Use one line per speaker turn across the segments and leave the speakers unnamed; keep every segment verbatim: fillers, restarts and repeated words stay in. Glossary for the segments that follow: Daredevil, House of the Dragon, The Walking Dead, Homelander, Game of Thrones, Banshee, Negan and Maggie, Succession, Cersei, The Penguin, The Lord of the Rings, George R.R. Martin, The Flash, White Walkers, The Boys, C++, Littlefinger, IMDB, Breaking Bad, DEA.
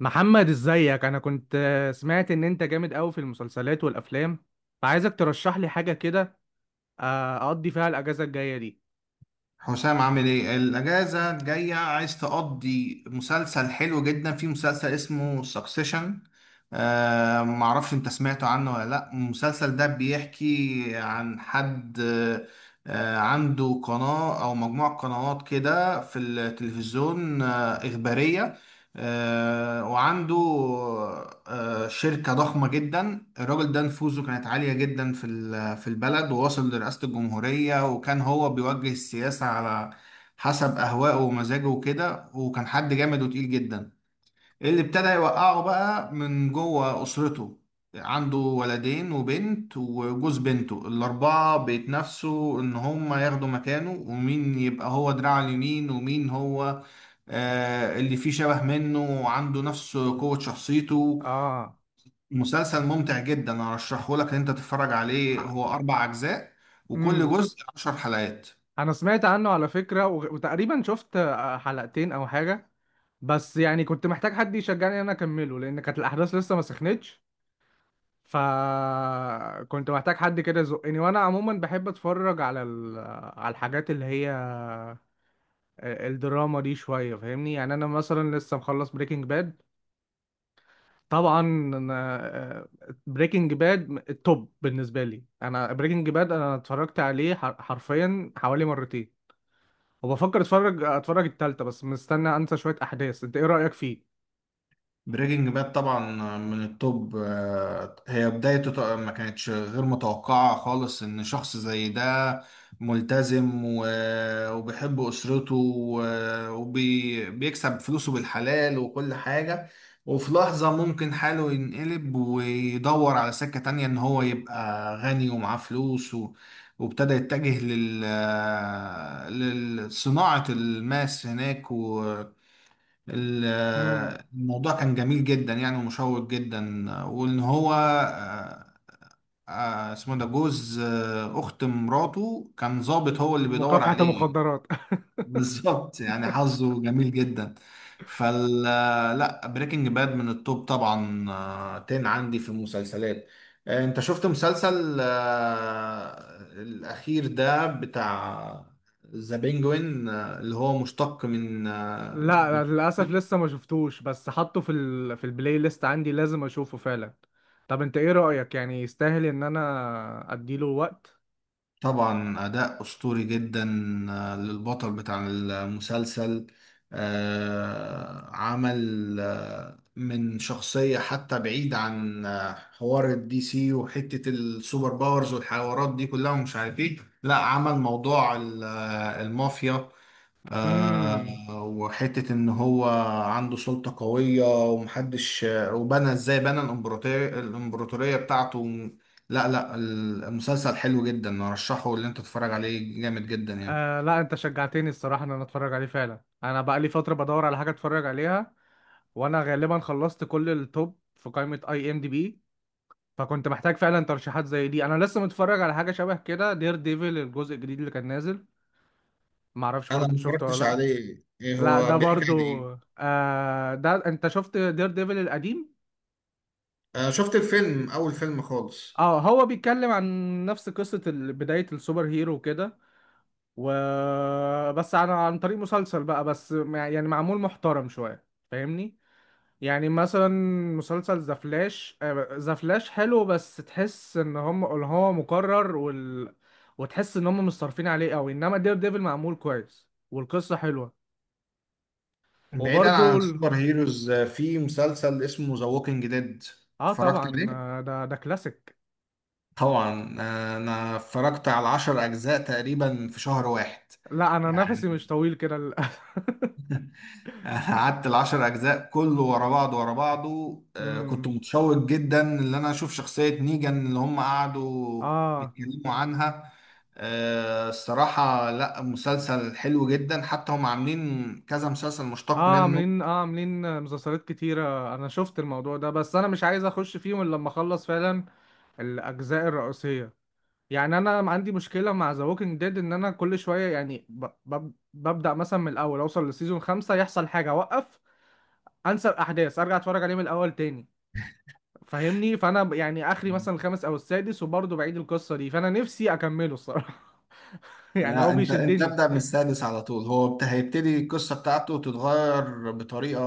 محمد، ازيك؟ انا كنت آه، سمعت ان انت جامد قوي في المسلسلات والافلام، فعايزك ترشح لي حاجه كده، آه، اقضي فيها الاجازه الجايه دي.
حسام، عامل ايه؟ الاجازه الجايه عايز تقضي مسلسل حلو جدا، في مسلسل اسمه سكسيشن. آه معرفش انت سمعت عنه ولا لا. المسلسل ده بيحكي عن حد آه عنده قناه او مجموعه قنوات كده في التلفزيون، آه اخباريه، آه، وعنده آه، شركة ضخمة جدا. الراجل ده نفوذه كانت عالية جدا في ال- في البلد، ووصل لرئاسة الجمهورية، وكان هو بيوجه السياسة على حسب أهوائه ومزاجه وكده، وكان حد جامد وتقيل جدا. اللي ابتدى يوقعه بقى من جوه أسرته. عنده ولدين وبنت وجوز بنته، الأربعة بيتنافسوا إن هما ياخدوا مكانه، ومين يبقى هو دراعه اليمين، ومين هو آه اللي فيه شبه منه وعنده نفس قوة شخصيته.
اه.
مسلسل ممتع جدا، أرشحه لك إن أنت تتفرج عليه. هو أربع أجزاء، وكل
امم
جزء عشر حلقات.
انا سمعت عنه على فكره، وغ- وتقريبا شفت آه، حلقتين او حاجه، بس يعني كنت محتاج حد يشجعني ان انا اكمله، لان كانت الاحداث لسه ما سخنتش. فكنت محتاج حد كده يزقني، وانا عموما بحب اتفرج على ال... على الحاجات اللي هي، آه، الدراما دي شويه، فاهمني؟ يعني انا مثلا لسه مخلص بريكنج باد. طبعا. انا بريكنج باد التوب بالنسبه لي. انا بريكنج باد انا اتفرجت عليه حر- حرفيا حوالي مرتين، وبفكر اتفرج اتفرج التالتة، بس مستني انسى شويه احداث. انت ايه رايك فيه؟
بريكنج باد طبعا من التوب. آه، هي بدايته ط- ما كانتش غير متوقعة خالص، ان شخص زي ده ملتزم و- وبيحب اسرته وبيكسب فلوسه بالحلال وكل حاجة، وفي لحظة ممكن حاله ينقلب ويدور على سكة تانية، ان هو يبقى غني ومعاه فلوس و- وابتدى يتجه لل لصناعة الماس هناك. ال-
امم
الموضوع كان جميل جدا يعني، ومشوق جدا، وان هو آه، آه، اسمه ده جوز آه، اخت مراته كان ظابط هو اللي بيدور
مكافحه
عليه.
المخدرات.
بالظبط، يعني حظه جميل جدا. فال لا، بريكنج باد من التوب طبعا، آه، تن عندي في المسلسلات. آه، انت شفت مسلسل آه، الاخير ده بتاع ذا بينجوين، آه، اللي هو مشتق من آه، من
لا للاسف لسه ما شفتوش، بس حاطه في ال... في البلاي ليست عندي، لازم اشوفه فعلا. طب انت ايه رايك، يعني يستاهل ان انا اديله وقت؟
طبعا أداء أسطوري جدا آه، للبطل بتاع المسلسل. آه، عمل آه، من شخصية، حتى بعيد عن آه، حوار الدي سي وحتة السوبر باورز والحوارات دي كلها ومش عارف ايه. لا، عمل موضوع ال- آه، المافيا، آه،
امم
وحتة إن هو عنده سلطة قوية ومحدش، وبنى، إزاي بنى الإمبراطورية، الإمبراطورية بتاعته. لا لا، المسلسل حلو جدا، أرشحه اللي أنت تتفرج عليه، جامد جدا يعني.
آه، لا انت شجعتني الصراحة، ان انا اتفرج عليه فعلا. انا بقى لي فترة بدور على حاجة اتفرج عليها، وانا غالبا خلصت كل التوب في قائمة اي ام دي بي. فكنت محتاج فعلا ترشيحات زي دي. انا لسه متفرج على حاجة شبه كده، دير ديفل الجزء الجديد اللي كان نازل. معرفش
أنا ما
برضه، شفته
اتفرجتش
ولا لا؟
عليه. إيه
لا ده
هو بيحكي عن
برضو.
إيه؟
آه، ده انت شفت دير ديفل القديم.
أنا شفت الفيلم، أول فيلم خالص.
اه، هو بيتكلم عن نفس قصة ال- بداية السوبر هيرو وكده، وبس عن عن طريق مسلسل بقى، بس مع- يعني معمول محترم شوية. فاهمني؟ يعني مثلا مسلسل ذا فلاش، آه، ذا فلاش حلو، بس تحس ان هم ان هو مكرر وال... وتحس ان هم مش صارفين عليه قوي. انما دير ديفل معمول كويس والقصه حلوه.
بعيدا
وبرده
عن
ال...
السوبر هيروز، آه، في مسلسل اسمه ذا ووكينج ديد.
اه
اتفرجت
طبعا،
عليه؟
آه، ده ده كلاسيك.
طبعا، آه، أنا اتفرجت على عشر أجزاء تقريبا في شهر واحد
لا انا نفسي مش
يعني.
طويل كده ال...
قعدت العشر اجزاء كله ورا بعض، ورا بعضه. آه، كنت
امم
متشوق جدا ان انا اشوف شخصية نيجان، اللي هم قعدوا
اه.
بيتكلموا عنها. آه، الصراحة، لا، مسلسل حلو جدا، حتى هم عاملين كذا مسلسل مشتق
اه
منه.
عاملين، اه عاملين مسلسلات كتيره، انا شفت الموضوع ده، بس انا مش عايز اخش فيهم الا لما اخلص فعلا الاجزاء الرئيسيه. يعني انا عندي مشكله مع ذا ووكينج ديد، ان انا كل شويه يعني ب... ب... ببدا مثلا من الاول، اوصل لسيزون خمسة يحصل حاجه، اوقف، انسى الاحداث، ارجع اتفرج عليه من الاول تاني. فاهمني؟ فانا ب- يعني اخري مثلا الخامس او السادس، وبرضه بعيد القصه دي، فانا نفسي اكمله الصراحه. يعني
لا
هو
انت، انت
بيشدني.
ابدأ من السادس على طول. هو بت- هيبتدي القصة بتاعته تتغير بطريقة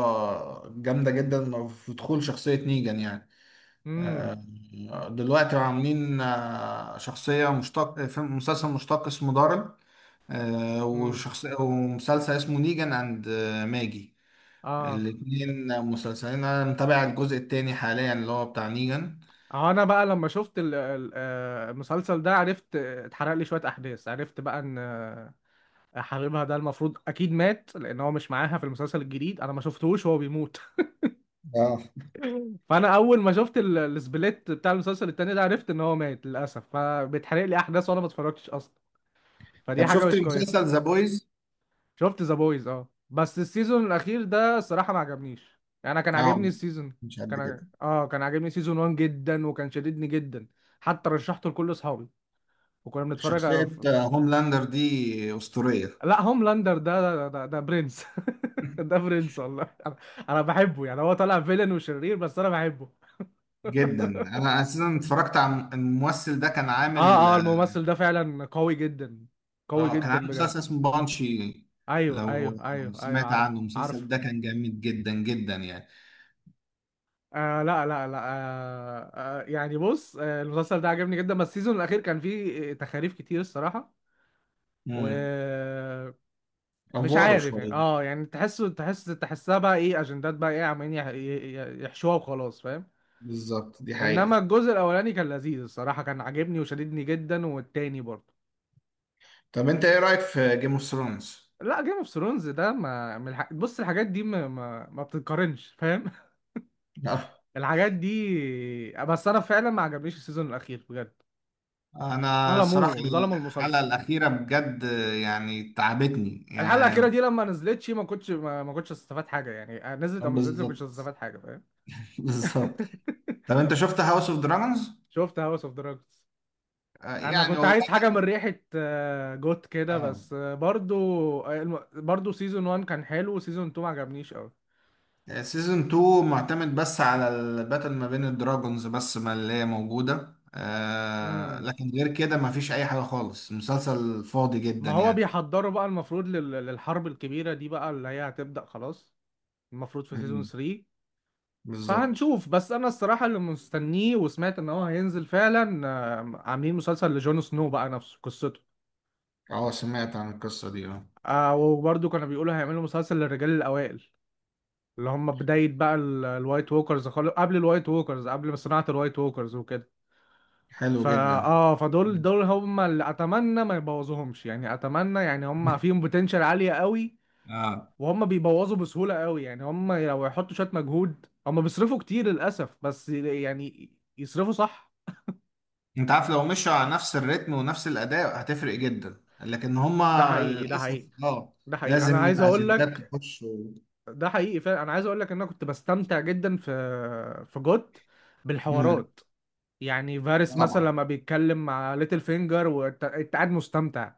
جامدة جدا في دخول شخصية نيجان يعني. آه،
امم
دلوقتي عاملين آه، شخصية مشتق في مسلسل مشتق اسمه دارل، آه،
امم
وشخصية ومسلسل اسمه نيجان اند آه، ماجي.
اه.
الاتنين مسلسلين، انا متابع الجزء التاني حاليا اللي هو بتاع نيجان.
آه، انا بقى لما شفت ال- ال- آه، المسلسل ده عرفت، آه، اتحرق لي شويه احداث. عرفت بقى ان حبيبها ده المفروض اكيد مات، لان هو مش معاها في المسلسل الجديد، انا ما شفتهوش وهو بيموت.
اه.
فانا اول ما شفت ال- السبليت بتاع المسلسل التاني ده، عرفت ان هو مات للاسف، فبيتحرق لي احداث وانا ما اتفرجتش اصلا. فدي
طب
حاجه
شفت
مش كويسه.
مسلسل ذا بويز؟
شفت ذا بويز، اه، بس السيزون الاخير ده الصراحه ما عجبنيش. يعني انا كان
اه،
عاجبني السيزون،
مش
كان
قد
ع-
كده.
اه كان عاجبني سيزون الأول جدا، وكان شددني جدا، حتى رشحته لكل اصحابي وكنا بنتفرج.
شخصية آه، هوملاندر دي أسطورية.
لا هوملاندر ده، ده, ده, ده برنس. ده برنس، والله. انا، أنا بحبه، يعني هو طالع فيلن وشرير، بس انا بحبه.
جدا. انا اساسا اتفرجت على الممثل ده، كان عامل،
اه، اه الممثل ده فعلا قوي جدا، قوي
اه كان
جدا
عامل مسلسل
بجد.
اسمه بانشي.
ايوه،
لو
ايوه،
لو
ايوه، ايوه،
سمعت
عارفه
عنه المسلسل
عارفه.
ده كان جامد جدا جدا يعني.
آه، لا لا لا، آه آه يعني بص، آه المسلسل ده عجبني جدا، بس السيزون الاخير كان فيه تخاريف كتير الصراحه،
امم.
ومش
افواره
عارف يعني.
شويه.
اه يعني تحسه تحس تحسها بقى ايه؟ اجندات بقى، ايه عمالين يح- يح- يحشوها وخلاص، فاهم؟
بالظبط، دي
انما
حقيقة.
الجزء الاولاني كان لذيذ الصراحه، كان عاجبني وشددني جدا، والتاني برضه.
طب انت ايه رأيك في جيم اوف ثرونز؟
لا جيم اوف ثرونز ده ما من الح... بص، الحاجات دي ما ما, ما بتتقارنش، فاهم؟ الحاجات دي. بس انا فعلا ما عجبنيش السيزون الاخير بجد.
انا الصراحة
ظلموه، ظلموا
الحلقة
المسلسل.
الأخيرة بجد يعني تعبتني
الحلقه الاخيره
يعني.
دي لما نزلتش ما كنتش ما, ما كنتش استفاد حاجه، يعني آه، نزلت او ما نزلتش، ما كنتش
بالظبط.
استفاد حاجه، فاهم؟
بالظبط. طب انت شفت هاوس اوف دراجونز؟
شفت هاوس اوف دراجونز. انا
يعني
كنت
هو
عايز حاجه من
بقى-
ريحه، آه، جوت كده،
اه،
بس، آه، برضو، آه، الم- برضو سيزون واحد كان حلو، وسيزون اتنين ما عجبنيش قوي.
سيزون اتنين معتمد بس على الباتل ما بين الدراجونز بس ما، اللي هي موجودة، آه،
امم
لكن غير كده ما فيش أي حاجة خالص، مسلسل فاضي
ما
جدا
هو
يعني.
بيحضروا بقى المفروض لل- للحرب الكبيره دي بقى، اللي هي هتبدا خلاص. المفروض في سيزون
مم،
التالت.
بالظبط.
فهنشوف. بس انا الصراحه اللي مستنيه وسمعت ان هو هينزل فعلا، آه، عاملين مسلسل لجون سنو بقى نفسه، قصته.
اه، سمعت عن القصة دي اه.
آه، وبرضو كانوا بيقولوا هيعملوا مسلسل للرجال الاوائل، اللي هم بدايه بقى ال- الوايت ووكرز خالص، قبل الوايت ووكرز، قبل صناعه الوايت ووكرز وكده.
حلو
فا
جدا.
اه، فدول
مم.
دول هم اللي اتمنى ما يبوظوهمش. يعني اتمنى، يعني هم فيهم بوتنشال عالية قوي،
اه.
وهم بيبوظوا بسهولة قوي. يعني هم لو يحطوا شوية مجهود، هم بيصرفوا كتير للأسف، بس يعني يصرفوا صح.
انت عارف، لو مشوا على نفس الريتم ونفس الأداء هتفرق جدا، لكن
ده
هما
حقيقي، ده
للأسف
حقيقي.
اه.
ده حقيقي انا
لازم
عايز اقول
أجندات
لك،
تخش و...
ده حقيقي فعلا. انا عايز اقول لك ان انا كنت بستمتع جدا في في جوت
مم،
بالحوارات. يعني فارس مثلا
طبعا.
لما بيتكلم مع ليتل فينجر، وانت انت قاعد مستمتع.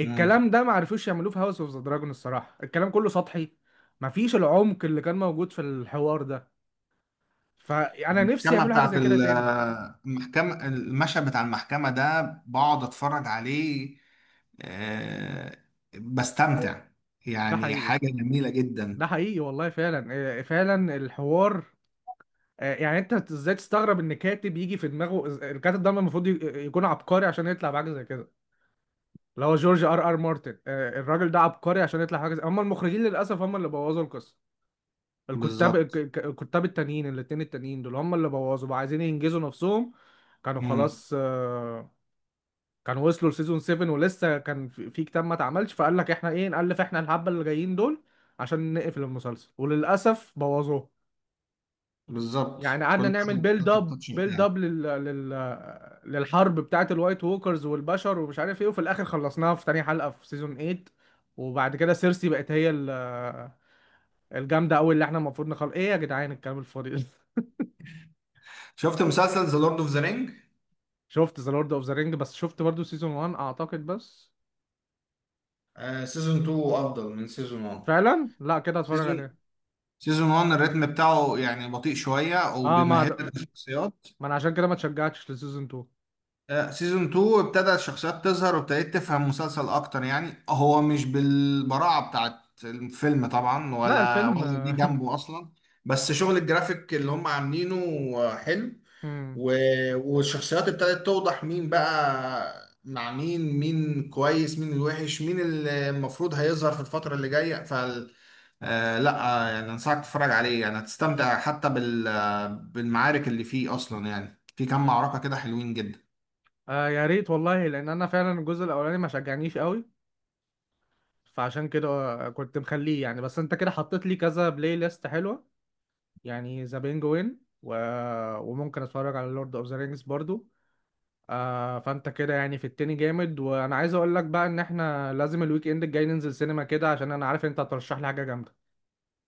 مم.
ده ما عرفوش يعملوه في هاوس اوف ذا دراجون الصراحه، الكلام كله سطحي، مفيش العمق اللي كان موجود في الحوار ده. فانا نفسي
المحكمة
يعملوا حاجه
بتاعت
زي كده
ال-
تاني.
المحكمة، المشهد بتاع المحكمة ده بقعد اتفرج عليه، آه، بستمتع،
ده
يعني
حقيقي،
حاجة جميلة جدا.
ده حقيقي والله، فعلا. آه، فعلا الحوار، آه، يعني انت ازاي تستغرب ان كاتب يجي في دماغه؟ الكاتب ده المفروض ي- يكون عبقري عشان يطلع بحاجه زي كده، اللي هو جورج ار ار مارتن. آه، الراجل ده عبقري عشان يطلع حاجه زي. هم المخرجين للاسف هم اللي بوظوا القصه. الكتاب، الك-
بالظبط.
الك- الكتاب التانيين، الاتنين التانيين دول، هم اللي بوظوا بقى، عايزين ينجزوا نفسهم. كانوا
مم.
خلاص، آه، كانوا وصلوا لسيزون السابع، ولسه كان في في كتاب ما اتعملش، فقال لك احنا ايه، نألف احنا الحبة اللي جايين دول عشان نقفل المسلسل، وللأسف بوظوه.
بالظبط،
يعني
كل
قعدنا نعمل
حاجة
بيلد
بتحط
اب
التاتش
بيلد
بتاعك.
اب لل... لل... للحرب بتاعت الوايت ووكرز والبشر، ومش عارف ايه، وفي الاخر خلصناها في تاني حلقة في سيزون تمانية. وبعد كده سيرسي بقت هي ال- الجامدة قوي اللي احنا المفروض نخلص. ايه يا جدعان الكلام الفاضي ده؟
شفت مسلسل ذا لورد اوف ذا رينج؟
شفت ذا لورد اوف ذا رينج، بس شفت برضو سيزون واحد اعتقد بس.
سيزون اتنين افضل من سيزون واحد.
فعلا، لا كده هتفرج
سيزون
عليه.
سيزون واحد الريتم بتاعه يعني بطيء شوية،
اه ما
وبيمهد
هت-
لك الشخصيات.
ما انا عشان كده ما اتشجعتش لسيزون التاني.
سيزون اتنين ابتدى الشخصيات تظهر، وابتديت تفهم المسلسل اكتر يعني. هو مش بالبراعة بتاعت الفيلم طبعا،
لا
ولا
الفيلم
ولا جه
آه.
جنبه اصلا، بس شغل الجرافيك اللي هم عاملينه حلو،
مم.
و- والشخصيات ابتدت توضح مين بقى مع مين، مين كويس، مين الوحش، مين اللي المفروض هيظهر في الفترة اللي جاية. فال آه لا آه، يعني انصحك تتفرج عليه، يعني هتستمتع حتى بال آه، بالمعارك اللي فيه اصلا، يعني في كام معركة كده حلوين جدا.
آه، يا ريت والله، لان انا فعلا الجزء الاولاني ما شجعنيش قوي، فعشان كده، آه، كنت مخليه يعني. بس انت كده حطيت لي كذا بلاي ليست حلوه، يعني ذا بينجوين و... وممكن اتفرج على لورد اوف ذا رينجز برضو. آه، فانت كده يعني في التاني جامد. وانا عايز اقول لك بقى ان احنا لازم الويك اند الجاي ننزل سينما كده، عشان انا عارف انت هترشح لي حاجه جامده.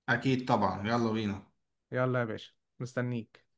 اكيد طبعا، يلا بينا.
يلا يا باشا، مستنيك.